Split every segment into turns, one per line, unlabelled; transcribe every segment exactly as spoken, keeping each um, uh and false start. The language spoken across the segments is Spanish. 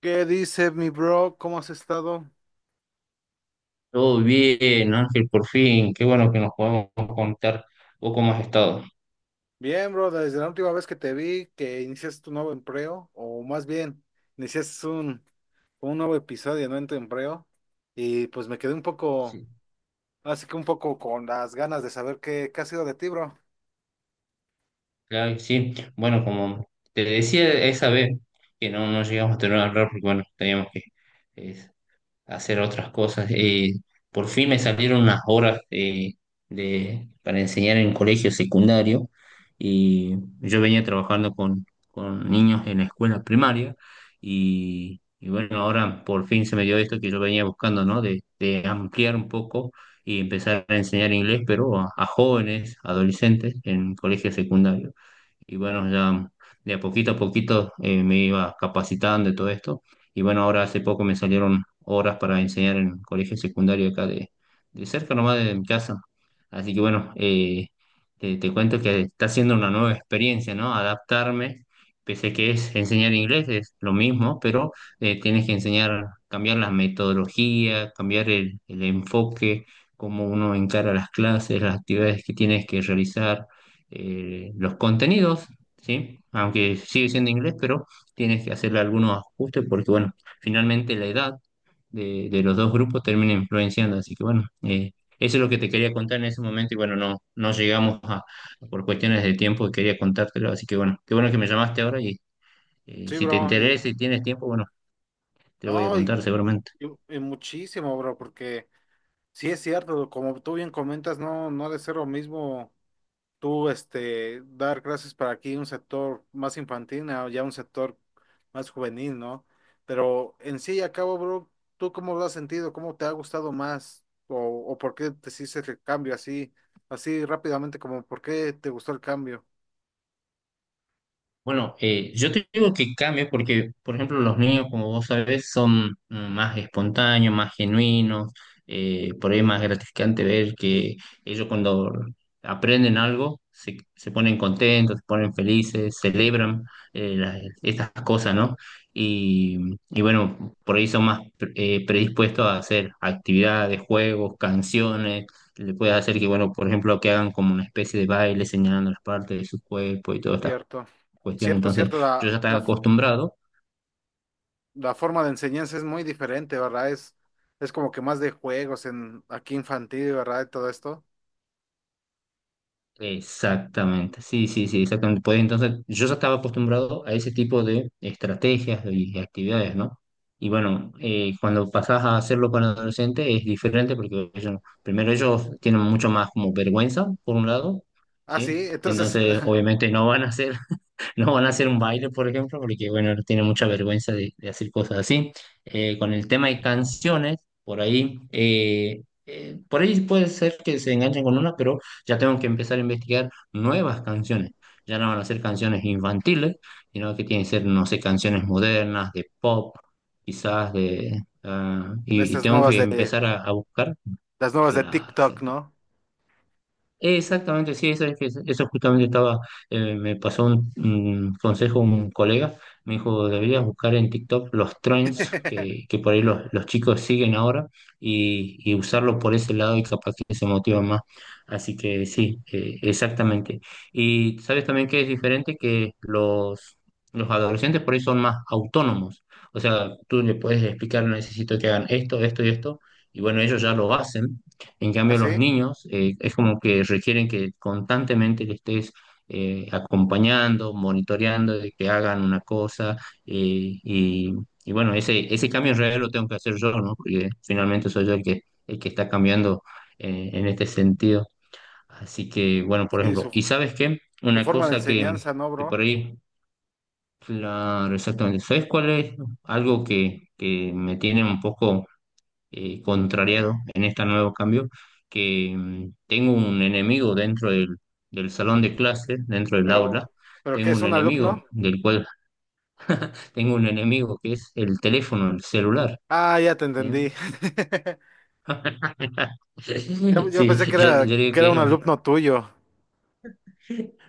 ¿Qué dice mi bro? ¿Cómo has estado?
Todo bien, Ángel, por fin. Qué bueno que nos podemos contar un poco más estado.
Bien, bro, desde la última vez que te vi, que iniciaste tu nuevo empleo, o más bien, iniciaste un, un nuevo episodio, ¿no? En tu empleo, y pues me quedé un poco,
Sí,
así que un poco con las ganas de saber qué, qué ha sido de ti, bro.
claro que sí. Bueno, como te decía esa vez que no, no llegamos a tener una reunión, porque bueno, teníamos que eh, hacer otras cosas. Eh, por fin me salieron unas horas eh, de, para enseñar en colegio secundario y yo venía trabajando con, con niños en la escuela primaria y, y bueno, ahora por fin se me dio esto que yo venía buscando, ¿no? De, de ampliar un poco y empezar a enseñar inglés, pero a, a jóvenes, adolescentes en colegio secundario. Y bueno, ya de a poquito a poquito eh, me iba capacitando de todo esto y bueno, ahora hace poco me salieron horas para enseñar en colegio secundario acá de, de cerca nomás de mi casa. Así que bueno, eh, te, te cuento que está siendo una nueva experiencia, ¿no? Adaptarme, pese a que es enseñar inglés, es lo mismo, pero eh, tienes que enseñar, cambiar la metodología, cambiar el, el enfoque, cómo uno encara las clases, las actividades que tienes que realizar, eh, los contenidos, ¿sí? Aunque sigue siendo inglés, pero tienes que hacerle algunos ajustes porque, bueno, finalmente la edad de, de los dos grupos termina influenciando. Así que, bueno, eh, eso es lo que te quería contar en ese momento y, bueno, no, no llegamos a, por cuestiones de tiempo, quería contártelo. Así que, bueno, qué bueno que me llamaste ahora y eh,
Sí,
si te
bro, y
interesa y tienes tiempo, bueno, te lo voy a
no, y,
contar seguramente.
y- y muchísimo, bro, porque sí es cierto, como tú bien comentas, no, no ha de ser lo mismo tú este, dar clases para aquí un sector más infantil o ya un sector más juvenil, ¿no? Pero en sí y a cabo, bro, ¿tú cómo lo has sentido? ¿Cómo te ha gustado más? ¿O, o por qué te hiciste el cambio así, así rápidamente, como por qué te gustó el cambio?
Bueno, eh, yo te digo que cambie porque, por ejemplo, los niños, como vos sabés, son mm, más espontáneos, más genuinos, eh, por ahí es más gratificante ver que ellos cuando aprenden algo se, se ponen contentos, se ponen felices, celebran eh, las- estas cosas, ¿no? Y, y bueno, por ahí son más pre- eh, predispuestos a hacer actividades, juegos, canciones. Le puedes hacer que, bueno, por ejemplo, que hagan como una especie de baile señalando las partes de su cuerpo y todo esto
Cierto,
cuestión.
cierto,
Entonces,
cierto,
yo
la,
ya
la,
estaba
f-
acostumbrado.
la forma de enseñanza es muy diferente, ¿verdad? Es, es como que más de juegos en aquí infantil, ¿verdad? Y todo esto.
Exactamente, sí, sí, sí, exactamente. Pues entonces, yo ya estaba acostumbrado a ese tipo de estrategias y actividades, ¿no? Y bueno, eh, cuando pasás a hacerlo con adolescentes es diferente porque ellos, primero ellos tienen mucho más como vergüenza, por un lado,
Ah,
¿sí?
sí, entonces,
Entonces, obviamente no van a hacer No van a hacer un baile, por ejemplo, porque, bueno, tiene mucha vergüenza de, de hacer cosas así. Eh, con el tema de canciones, por ahí, eh, eh, por ahí puede ser que se enganchen con una, pero ya tengo que empezar a investigar nuevas canciones. Ya no van a ser canciones infantiles, sino que tienen que ser, no sé, canciones modernas, de pop, quizás de... ah,
de
y, y
estas
tengo
nuevas
que
de,
empezar a, a buscar.
las nuevas de
Claro,
TikTok,
exactamente.
¿no?
Exactamente, sí, eso, es que- eso justamente estaba, eh, me pasó un, un consejo un colega, me dijo, deberías buscar en TikTok los trends que, que por ahí los, los chicos siguen ahora y, y usarlo por ese lado y capaz que se motivan más. Así que sí, eh, exactamente. Y sabes también que es diferente que los, los adolescentes por ahí son más autónomos. O sea, tú le puedes explicar, necesito que hagan esto, esto y esto, y bueno, ellos ya lo hacen en cambio, los
Así,
niños eh, es como que requieren que constantemente le estés eh, acompañando, monitoreando de que hagan una cosa eh, y, y bueno, ese, ese cambio en realidad lo tengo que hacer yo, ¿no? Porque finalmente soy yo el que, el que está cambiando eh, en este sentido. Así que bueno, por
sí, Sí,
ejemplo,
su,
¿y sabes qué?
su
Una
forma de
cosa que,
enseñanza, ¿no,
que
bro?
por ahí, claro, exactamente, ¿sabes cuál es algo que, que me tiene un poco eh, contrariado en este nuevo cambio, que mm, tengo un enemigo dentro del, del salón de clases dentro del
Pero,
aula,
pero ¿qué
tengo
es
un
un alumno?
enemigo del cual tengo un enemigo que es el teléfono, el celular,
Ah, ya te
¿sí?
entendí. Yo, yo
Sí,
pensé que
yo,
era,
yo digo
que era un
que
alumno tuyo,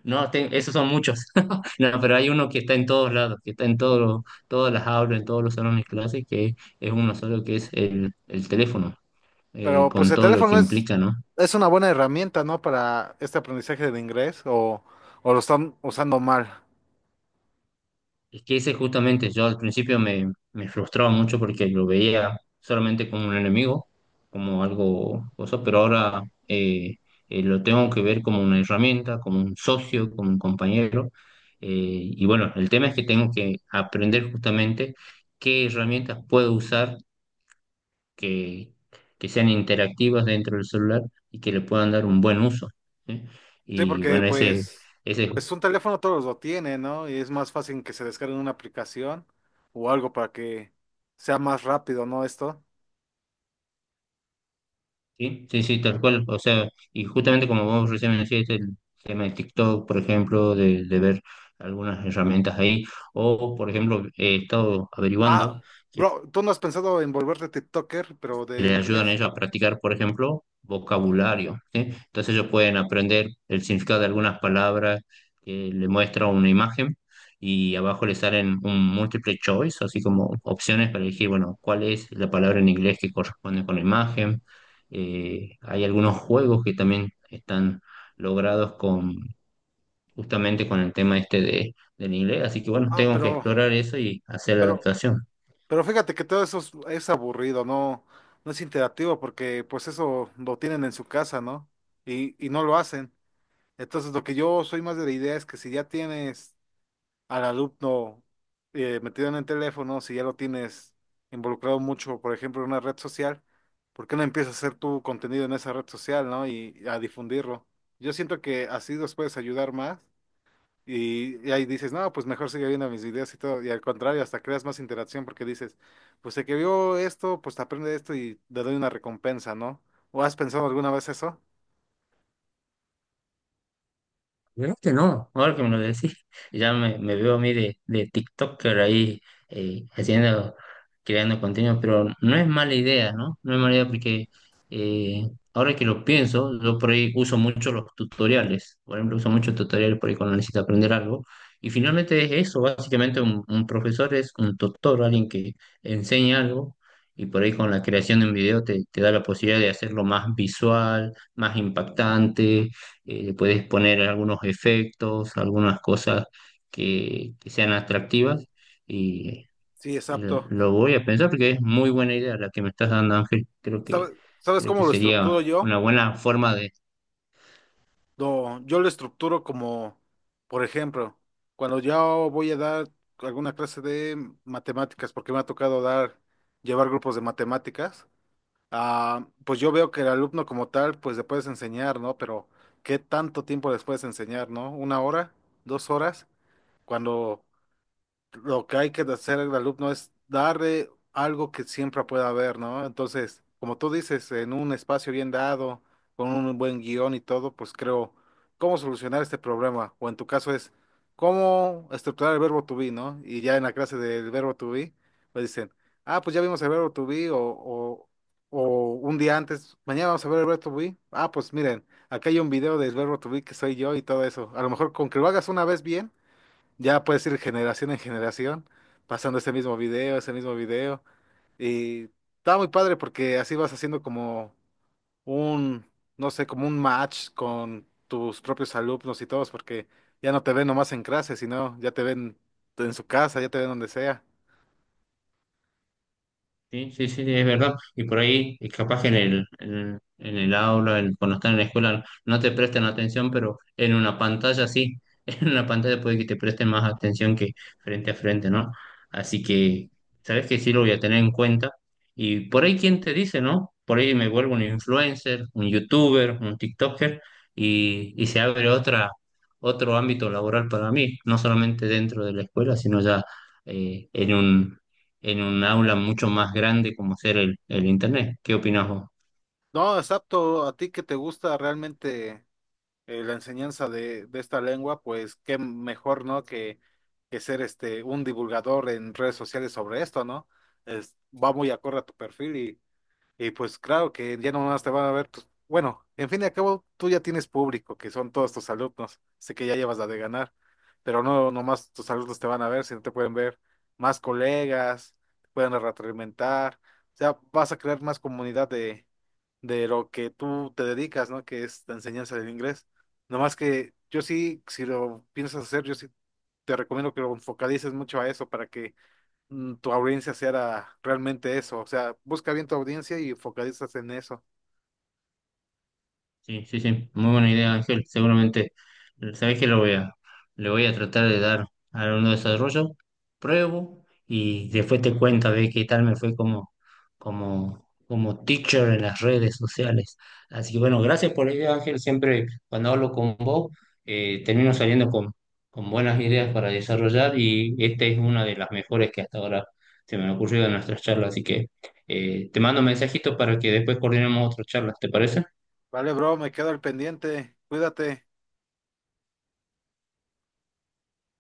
no, te- esos son muchos, no, pero hay uno que está en todos lados, que está en todos todas las aulas, en todos los salones de clase, que es uno solo, que es el, el teléfono, eh,
pero pues
con
el
todo lo que
teléfono es,
implica, ¿no?
es una buena herramienta, ¿no? Para este aprendizaje de inglés o, o lo están usando mal.
Es que ese justamente yo al principio me, me frustraba mucho porque lo veía solamente como un enemigo, como algo cosa, pero ahora eh, eh, lo tengo que ver como una herramienta, como un socio, como un compañero. Eh, y bueno, el tema es que tengo que aprender justamente qué herramientas puedo usar que, que sean interactivas dentro del celular y que le puedan dar un buen uso, ¿sí?
Sí,
Y
porque
bueno, ese,
pues,
ese
pues un teléfono todos lo tienen, ¿no? Y es más fácil que se descargue una aplicación o algo para que sea más rápido, ¿no? Esto.
Sí, sí, sí, tal cual. O sea, y justamente como vos recién me decías, el tema de TikTok, por ejemplo, de, de ver algunas herramientas ahí, o por ejemplo, he estado averiguando
Ah,
que
bro, ¿tú no has pensado en volverte TikToker, pero
y
de
les ayudan a
inglés?
ellos a practicar, por ejemplo, vocabulario, ¿sí? Entonces ellos pueden aprender el significado de algunas palabras que le muestra una imagen y abajo le salen un multiple choice, así como opciones para elegir, bueno, cuál es la palabra en inglés que corresponde con la imagen. Eh, hay algunos juegos que también están logrados con justamente con el tema este de, del inglés, así que bueno,
Ah,
tengo que
pero,
explorar eso y hacer la
pero,
adaptación.
pero fíjate que todo eso es, es aburrido, no, no es interactivo porque pues eso lo tienen en su casa, ¿no? Y, y no lo hacen. Entonces lo que yo soy más de la idea es que si ya tienes al alumno eh, metido en el teléfono, si ya lo tienes involucrado mucho, por ejemplo, en una red social, ¿por qué no empiezas a hacer tu contenido en esa red social, ¿no? Y a difundirlo. Yo siento que así los puedes ayudar más. Y, y ahí dices, no, pues mejor sigue viendo mis videos y todo. Y al contrario, hasta creas más interacción porque dices, pues el que vio esto, pues te aprende esto y te doy una recompensa, ¿no? ¿O has pensado alguna vez eso?
Vieras que no, ahora que me lo decís, ya me, me veo a mí de, de TikToker ahí eh, haciendo, creando contenido, pero no es mala idea, ¿no? No es mala idea porque eh, ahora que lo pienso, yo por ahí uso mucho los tutoriales, por ejemplo, uso muchos tutoriales por ahí cuando necesito aprender algo, y finalmente es eso, básicamente un, un profesor es un tutor, alguien que enseña algo, y por ahí con la creación de un video te, te da la posibilidad de hacerlo más visual, más impactante eh, le puedes poner algunos efectos, algunas cosas que, que sean atractivas y
Sí,
eh,
exacto.
lo voy a pensar porque es muy buena idea la que me estás dando, Ángel. Creo que,
¿Sabes, sabes
creo que
cómo lo
sería
estructuro yo?
una buena forma
No, yo lo estructuro como, por ejemplo, cuando yo voy a dar alguna clase de matemáticas, porque me ha tocado dar, llevar grupos de matemáticas. Ah, pues yo veo que el alumno como tal, pues le puedes enseñar, ¿no? Pero ¿qué tanto tiempo les puedes enseñar, ¿no? ¿Una hora? ¿Dos horas? Cuando lo que hay que hacer al alumno es darle algo que siempre pueda ver, ¿no? Entonces, como tú dices, en un espacio bien dado, con un buen guión y todo, pues creo cómo solucionar este problema. O en tu caso es cómo estructurar el verbo to be, ¿no? Y ya en la clase del verbo to be, pues dicen, ah, pues ya vimos el verbo to be o, o, o un día antes, mañana vamos a ver el verbo to be. Ah, pues miren, acá hay un video del verbo to be que soy yo y todo eso. A lo mejor con que lo hagas una vez bien ya puedes ir generación en generación, pasando ese mismo video, ese mismo video. Y está muy padre porque así vas haciendo como un, no sé, como un match con tus propios alumnos y todos, porque ya no te ven nomás en clase, sino ya te ven en su casa, ya te ven donde sea.
Sí, sí, sí, es verdad. Y por ahí, es capaz que en el, en, en el aula, en- cuando están en la escuela, no te prestan atención, pero en una pantalla sí. En una pantalla puede que te presten más atención que frente a frente, ¿no? Así que, sabes que sí lo voy a tener en cuenta. Y por ahí, ¿quién te dice, no? Por ahí me vuelvo un influencer, un youtuber, un TikToker, y, y se abre otra, otro ámbito laboral para mí, no solamente dentro de la escuela, sino ya eh, en un aula mucho más grande como ser el, el Internet. ¿Qué opinas vos?
No, exacto, a ti que te gusta realmente. Eh, la enseñanza de, de esta lengua, pues qué mejor, ¿no? Que, que ser este un divulgador en redes sociales sobre esto, ¿no? Es, va muy acorde a tu perfil y pues claro que ya no más te van a ver tus... Bueno, en fin y al cabo, tú ya tienes público, que son todos tus alumnos. Sé que ya llevas la de ganar, pero no nomás tus alumnos te van a ver, sino te pueden ver más colegas, te pueden retroalimentar. O sea, vas a crear más comunidad de, de lo que tú te dedicas, ¿no? Que es la enseñanza del inglés. Nomás que yo sí, si lo piensas hacer, yo sí te recomiendo que lo focalices mucho a eso para que mm, tu audiencia sea realmente eso. O sea, busca bien tu audiencia y focalizas en eso.
Sí, sí, sí, muy buena idea, Ángel. Seguramente, sabés que lo voy a, le voy a tratar de dar a uno desarrollo, pruebo y después te cuento a ver qué tal me fue como, como, como teacher en las redes sociales. Así que bueno, gracias por la idea, Ángel. Siempre cuando hablo con vos, eh, termino saliendo con, con buenas ideas para desarrollar y esta es una de las mejores que hasta ahora se me han ocurrido en nuestras charlas. Así que eh, te mando un mensajito para que después coordinemos otras charlas, ¿te parece?
Vale, bro, me quedo al pendiente. Cuídate.